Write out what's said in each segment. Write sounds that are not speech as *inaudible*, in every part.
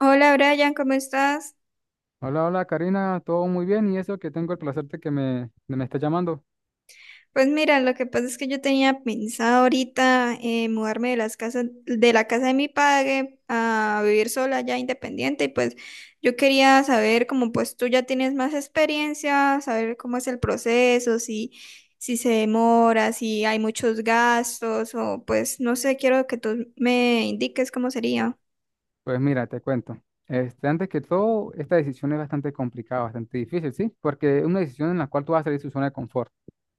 Hola Brian, ¿cómo estás? Hola, hola Karina, todo muy bien y eso que tengo el placer de que me estés llamando. Pues mira, lo que pasa es que yo tenía pensado ahorita mudarme de la casa de mi padre a vivir sola ya independiente, y pues yo quería saber, como pues tú ya tienes más experiencia, saber cómo es el proceso, si se demora, si hay muchos gastos o pues no sé, quiero que tú me indiques cómo sería. Pues mira, te cuento. Este, antes que todo, esta decisión es bastante complicada, bastante difícil, ¿sí? Porque es una decisión en la cual tú vas a salir de tu zona de confort.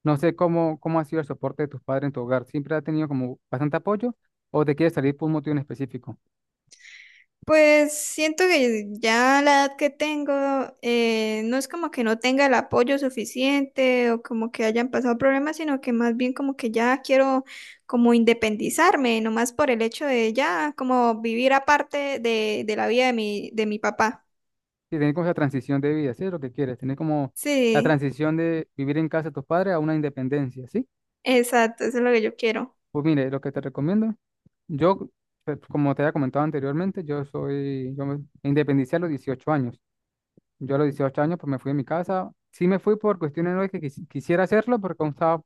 No sé cómo ha sido el soporte de tus padres en tu hogar. ¿Siempre ha tenido como bastante apoyo o te quieres salir por un motivo en específico? Pues siento que ya a la edad que tengo, no es como que no tenga el apoyo suficiente o como que hayan pasado problemas, sino que más bien como que ya quiero como independizarme, nomás por el hecho de ya como vivir aparte de la vida de mi papá. Sí, tener como esa transición de vida, ¿sí? Es lo que quieres, tener como la Sí, transición de vivir en casa de tus padres a una independencia, ¿sí? exacto, eso es lo que yo quiero. Pues mire, lo que te recomiendo. Yo, pues, como te había comentado anteriormente, yo soy, yo me independicé a los 18 años. Yo a los 18 años pues me fui de mi casa. Sí me fui por cuestiones no de que quisiera hacerlo porque aún estaba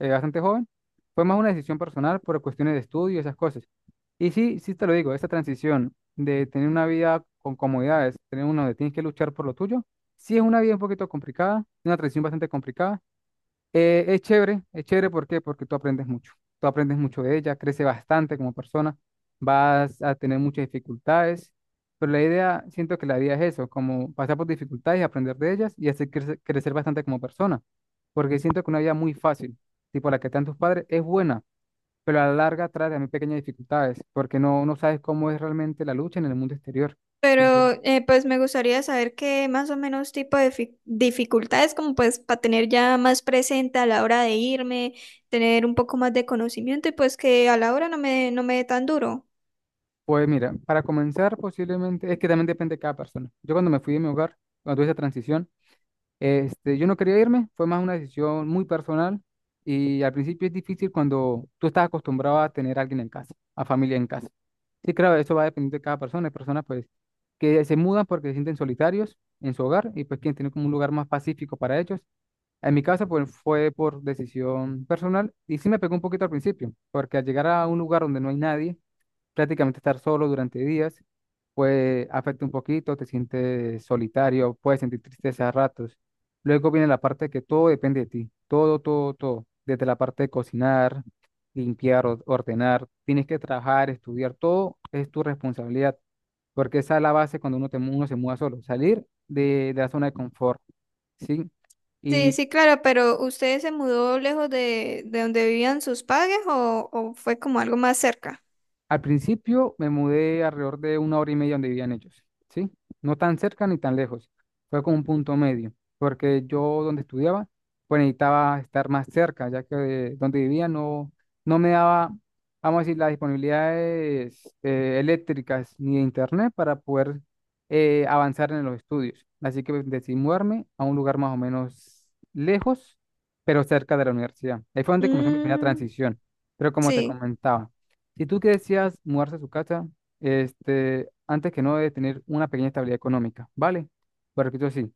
bastante joven. Fue más una decisión personal por cuestiones de estudio y esas cosas. Y sí, sí te lo digo, esa transición de tener una vida con comodidades, tener una donde tienes que luchar por lo tuyo, sí es una vida un poquito complicada, una transición bastante complicada, es chévere, ¿por qué? Porque tú aprendes mucho. Tú aprendes mucho de ella, creces bastante como persona, vas a tener muchas dificultades, pero la idea, siento que la vida es eso, como pasar por dificultades, aprender de ellas y hacer crecer, crecer bastante como persona, porque siento que una vida muy fácil, tipo la que te dan tus padres, es buena, pero a la larga trae también pequeñas dificultades, porque no, no sabes cómo es realmente la lucha en el mundo exterior. Y pues Pero pues me gustaría saber qué más o menos tipo de dificultades, como pues para tener ya más presente a la hora de irme, tener un poco más de conocimiento y pues que a la hora no me dé tan duro. pues mira, para comenzar posiblemente, es que también depende de cada persona. Yo cuando me fui de mi hogar, cuando tuve esa transición, Este, yo no quería irme, fue más una decisión muy personal y al principio es difícil cuando tú estás acostumbrado a tener a alguien en casa, a familia en casa. Sí, claro, eso va dependiendo de cada persona. Hay personas pues que se mudan porque se sienten solitarios en su hogar y pues quieren tener como un lugar más pacífico para ellos. En mi caso pues fue por decisión personal y sí me pegó un poquito al principio, porque al llegar a un lugar donde no hay nadie, prácticamente estar solo durante días, pues afecta un poquito, te sientes solitario, puedes sentir tristeza a ratos. Luego viene la parte que todo depende de ti, todo, todo, todo, desde la parte de cocinar, limpiar, ordenar, tienes que trabajar, estudiar, todo es tu responsabilidad, porque esa es la base cuando uno, uno se muda solo, salir de la zona de confort, ¿sí? Sí, sí, claro, pero ¿usted se mudó lejos de donde vivían sus padres o fue como algo más cerca? Al principio me mudé alrededor de una hora y media donde vivían ellos, ¿sí? No tan cerca ni tan lejos. Fue como un punto medio, porque yo donde estudiaba, pues necesitaba estar más cerca, ya que de donde vivía no, no me daba, vamos a decir, las disponibilidades eléctricas ni de internet para poder avanzar en los estudios. Así que decidí mudarme a un lugar más o menos lejos, pero cerca de la universidad. Ahí fue donde comenzó mi primera Mm, transición. Pero como te sí. comentaba, si tú que decías mudarse a su casa, este, antes que no debe tener una pequeña estabilidad económica, ¿vale? Pero repito así,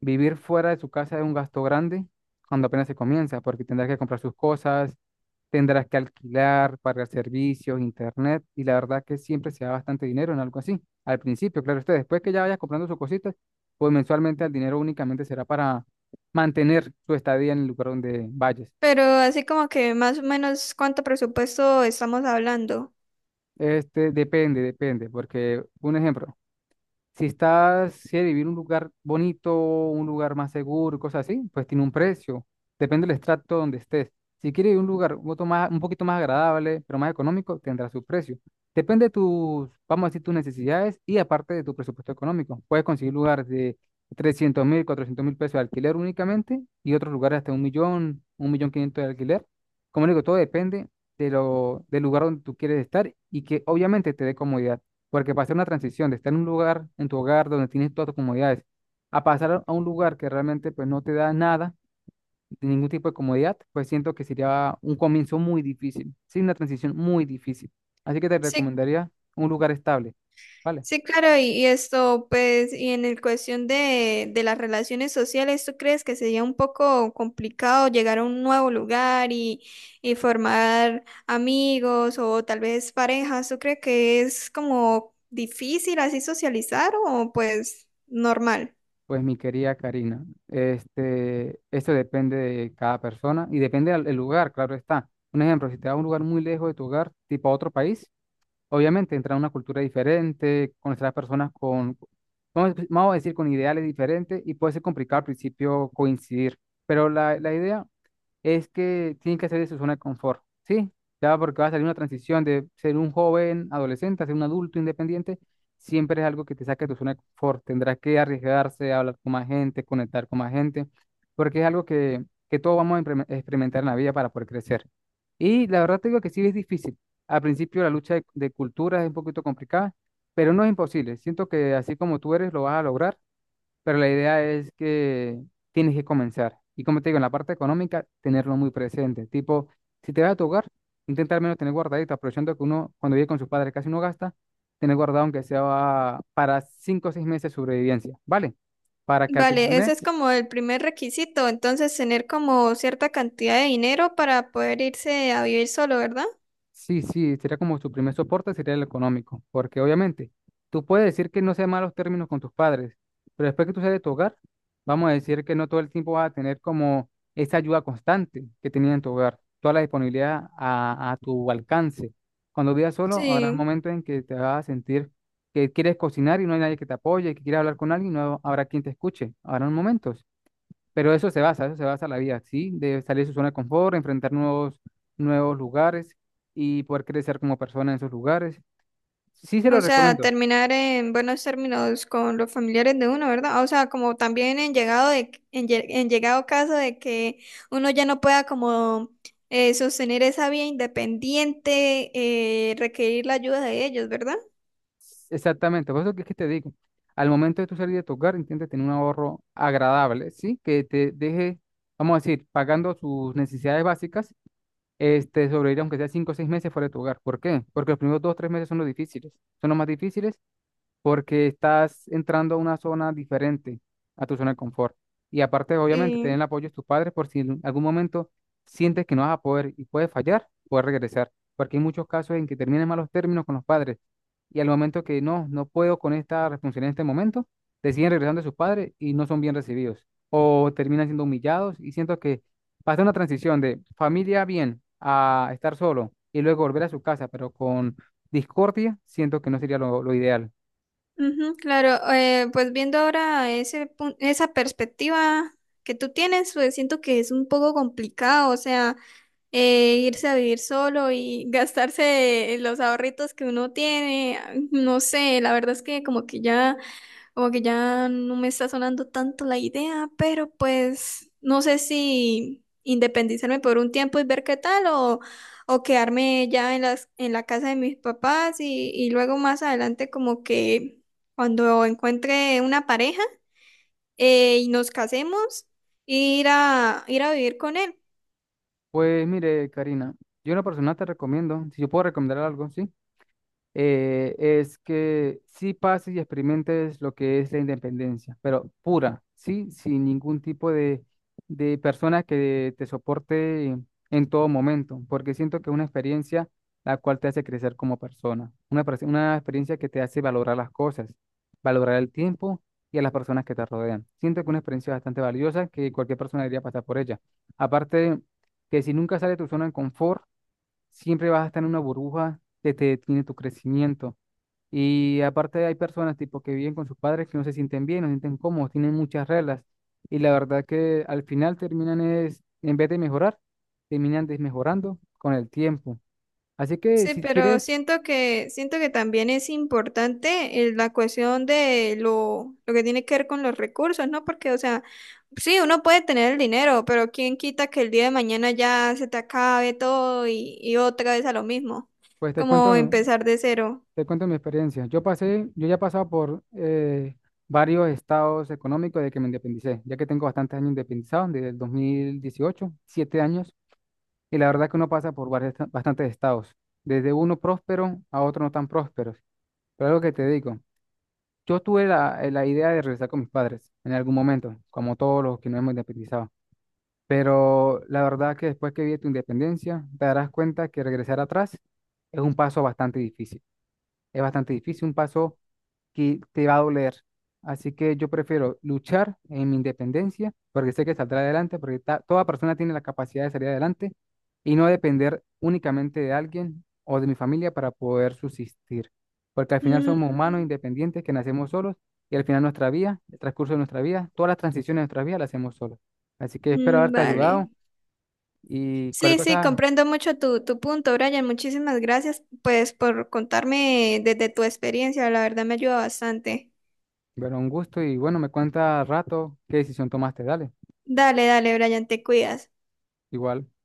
vivir fuera de su casa es un gasto grande cuando apenas se comienza, porque tendrás que comprar sus cosas, tendrás que alquilar, pagar servicios, internet, y la verdad que siempre se da bastante dinero en algo así. Al principio, claro, usted, después que ya vayas comprando sus cositas, pues mensualmente el dinero únicamente será para mantener su estadía en el lugar donde vayas. Pero así como que más o menos cuánto presupuesto estamos hablando. Este, depende, depende, porque un ejemplo. Si estás, si eres vivir en un lugar bonito, un lugar más seguro, cosas así, pues tiene un precio. Depende del estrato donde estés. Si quieres vivir en un lugar un poquito más agradable, pero más económico, tendrá su precio. Depende de tus, vamos a decir, tus necesidades y aparte de tu presupuesto económico. Puedes conseguir lugares de 300 mil, 400 mil pesos de alquiler únicamente y otros lugares hasta un millón quinientos de alquiler. Como digo, todo depende de lo, del lugar donde tú quieres estar y que obviamente te dé comodidad. Porque pasar una transición de estar en un lugar, en tu hogar, donde tienes todas tus comodidades, a pasar a un lugar que realmente pues no te da nada, de ningún tipo de comodidad, pues siento que sería un comienzo muy difícil, sí, una transición muy difícil. Así que te Sí, recomendaría un lugar estable, ¿vale? sí, claro, y esto, pues, y en el cuestión de las relaciones sociales, ¿tú crees que sería un poco complicado llegar a un nuevo lugar y formar amigos o tal vez parejas? ¿Tú crees que es como difícil así socializar o pues normal? Pues mi querida Karina, este, esto depende de cada persona y depende del lugar, claro está. Un ejemplo, si te vas a un lugar muy lejos de tu hogar, tipo a otro país, obviamente, entrar a una cultura diferente, conocer a personas con, vamos a decir, con ideales diferentes y puede ser complicado al principio coincidir, pero la idea es que tienen que salir de su zona de confort, ¿sí? Ya porque va a salir una transición de ser un joven adolescente a ser un adulto independiente, siempre es algo que te saca de tu zona de confort. Tendrás que arriesgarse, hablar con más gente, conectar con más gente, porque es algo que todos vamos a experimentar en la vida para poder crecer. Y la verdad te digo que sí es difícil. Al principio la lucha de culturas es un poquito complicada, pero no es imposible. Siento que así como tú eres, lo vas a lograr, pero la idea es que tienes que comenzar. Y como te digo, en la parte económica, tenerlo muy presente. Tipo, si te vas a tu hogar, intenta al menos tener guardadito, aprovechando que uno, cuando vive con sus padres, casi no gasta, tener guardado aunque sea para cinco o seis meses de sobrevivencia, ¿vale? Para que al primer Vale, ese es mes. como el primer requisito, entonces tener como cierta cantidad de dinero para poder irse a vivir solo, ¿verdad? Sí, sí, sería como tu primer soporte, sería el económico, porque obviamente tú puedes decir que no sean malos términos con tus padres, pero después que tú sales de tu hogar, vamos a decir que no todo el tiempo vas a tener como esa ayuda constante que tenías en tu hogar, toda la disponibilidad a tu alcance. Cuando vivas solo, habrá Sí. momentos en que te vas a sentir que quieres cocinar y no hay nadie que te apoye, que quieres hablar con alguien y no habrá quien te escuche. Habrán momentos. Pero eso se basa la vida, ¿sí? De salir de su zona de confort, enfrentar nuevos, nuevos lugares y poder crecer como persona en esos lugares. Sí se lo O sea, recomiendo. terminar en buenos términos con los familiares de uno, ¿verdad? Ah, o sea, como también en llegado en, en llegado caso de que uno ya no pueda como sostener esa vía independiente, requerir la ayuda de ellos, ¿verdad? Exactamente, por eso que te digo, al momento de tu salir de tu hogar, intenta tener un ahorro agradable, ¿sí? Que te deje, vamos a decir, pagando sus necesidades básicas, este, sobrevivir aunque sea cinco o seis meses fuera de tu hogar. ¿Por qué? Porque los primeros dos o tres meses son los difíciles, son los más difíciles porque estás entrando a una zona diferente a tu zona de confort. Y aparte, obviamente, tener el Sí. apoyo de tus padres por si en algún momento sientes que no vas a poder y puedes fallar, puedes regresar, porque hay muchos casos en que terminan malos términos con los padres y al momento que no, no puedo con esta responsabilidad en este momento, deciden regresando a sus padres y no son bien recibidos o terminan siendo humillados y siento que pasa una transición de familia bien a estar solo y luego volver a su casa, pero con discordia, siento que no sería lo ideal. Ujú, claro, pues viendo ahora esa perspectiva que tú tienes, pues siento que es un poco complicado, o sea, irse a vivir solo y *laughs* gastarse los ahorritos que uno tiene, no sé, la verdad es que como que ya no me está sonando tanto la idea, pero pues no sé si independizarme por un tiempo y ver qué tal o quedarme ya en la casa de mis papás y luego más adelante como que cuando encuentre una pareja y nos casemos, ir a vivir con él. Pues mire, Karina, yo una persona te recomiendo, si yo puedo recomendar algo, ¿sí? Es que sí pases y experimentes lo que es la independencia, pero pura, ¿sí? Sin ningún tipo de persona que te soporte en todo momento, porque siento que es una experiencia la cual te hace crecer como persona, una experiencia que te hace valorar las cosas, valorar el tiempo y a las personas que te rodean. Siento que es una experiencia bastante valiosa que cualquier persona debería pasar por ella. Aparte, que si nunca sale de tu zona de confort, siempre vas a estar en una burbuja que te detiene tu crecimiento. Y aparte hay personas tipo que viven con sus padres que no se sienten bien, no se sienten cómodos, tienen muchas reglas. Y la verdad que al final terminan es, en vez de mejorar, terminan desmejorando con el tiempo. Así que Sí, si pero quieres, siento que también es importante la cuestión de lo que tiene que ver con los recursos, ¿no? Porque, o sea, sí, uno puede tener el dinero, pero quién quita que el día de mañana ya se te acabe todo y otra vez a lo mismo, pues como empezar de cero. te cuento mi experiencia. Yo pasé, yo ya he pasado por varios estados económicos de que me independicé, ya que tengo bastantes años independizado, desde el 2018, siete años. Y la verdad que uno pasa por varios- bastantes estados, desde uno próspero a otro no tan prósperos. Pero algo que te digo, yo tuve la idea de regresar con mis padres en algún momento, como todos los que nos hemos independizado. Pero la verdad que después que vi tu independencia, te darás cuenta que regresar atrás es un paso bastante difícil. Es bastante difícil, un paso que te va a doler. Así que yo prefiero luchar en mi independencia porque sé que saldrá adelante, porque toda persona tiene la capacidad de salir adelante y no depender únicamente de alguien o de mi familia para poder subsistir. Porque al final Mm, somos humanos independientes que nacemos solos y al final nuestra vida, el transcurso de nuestra vida, todas las transiciones de nuestra vida las hacemos solos. Así que espero haberte vale. ayudado y Sí, cualquier sí, cosa, comprendo mucho tu, tu punto, Brian. Muchísimas gracias, pues, por contarme desde tu experiencia. La verdad me ayuda bastante. bueno, un gusto y bueno, me cuenta al rato qué decisión tomaste, dale. Dale, dale, Brian, te cuidas. Igual.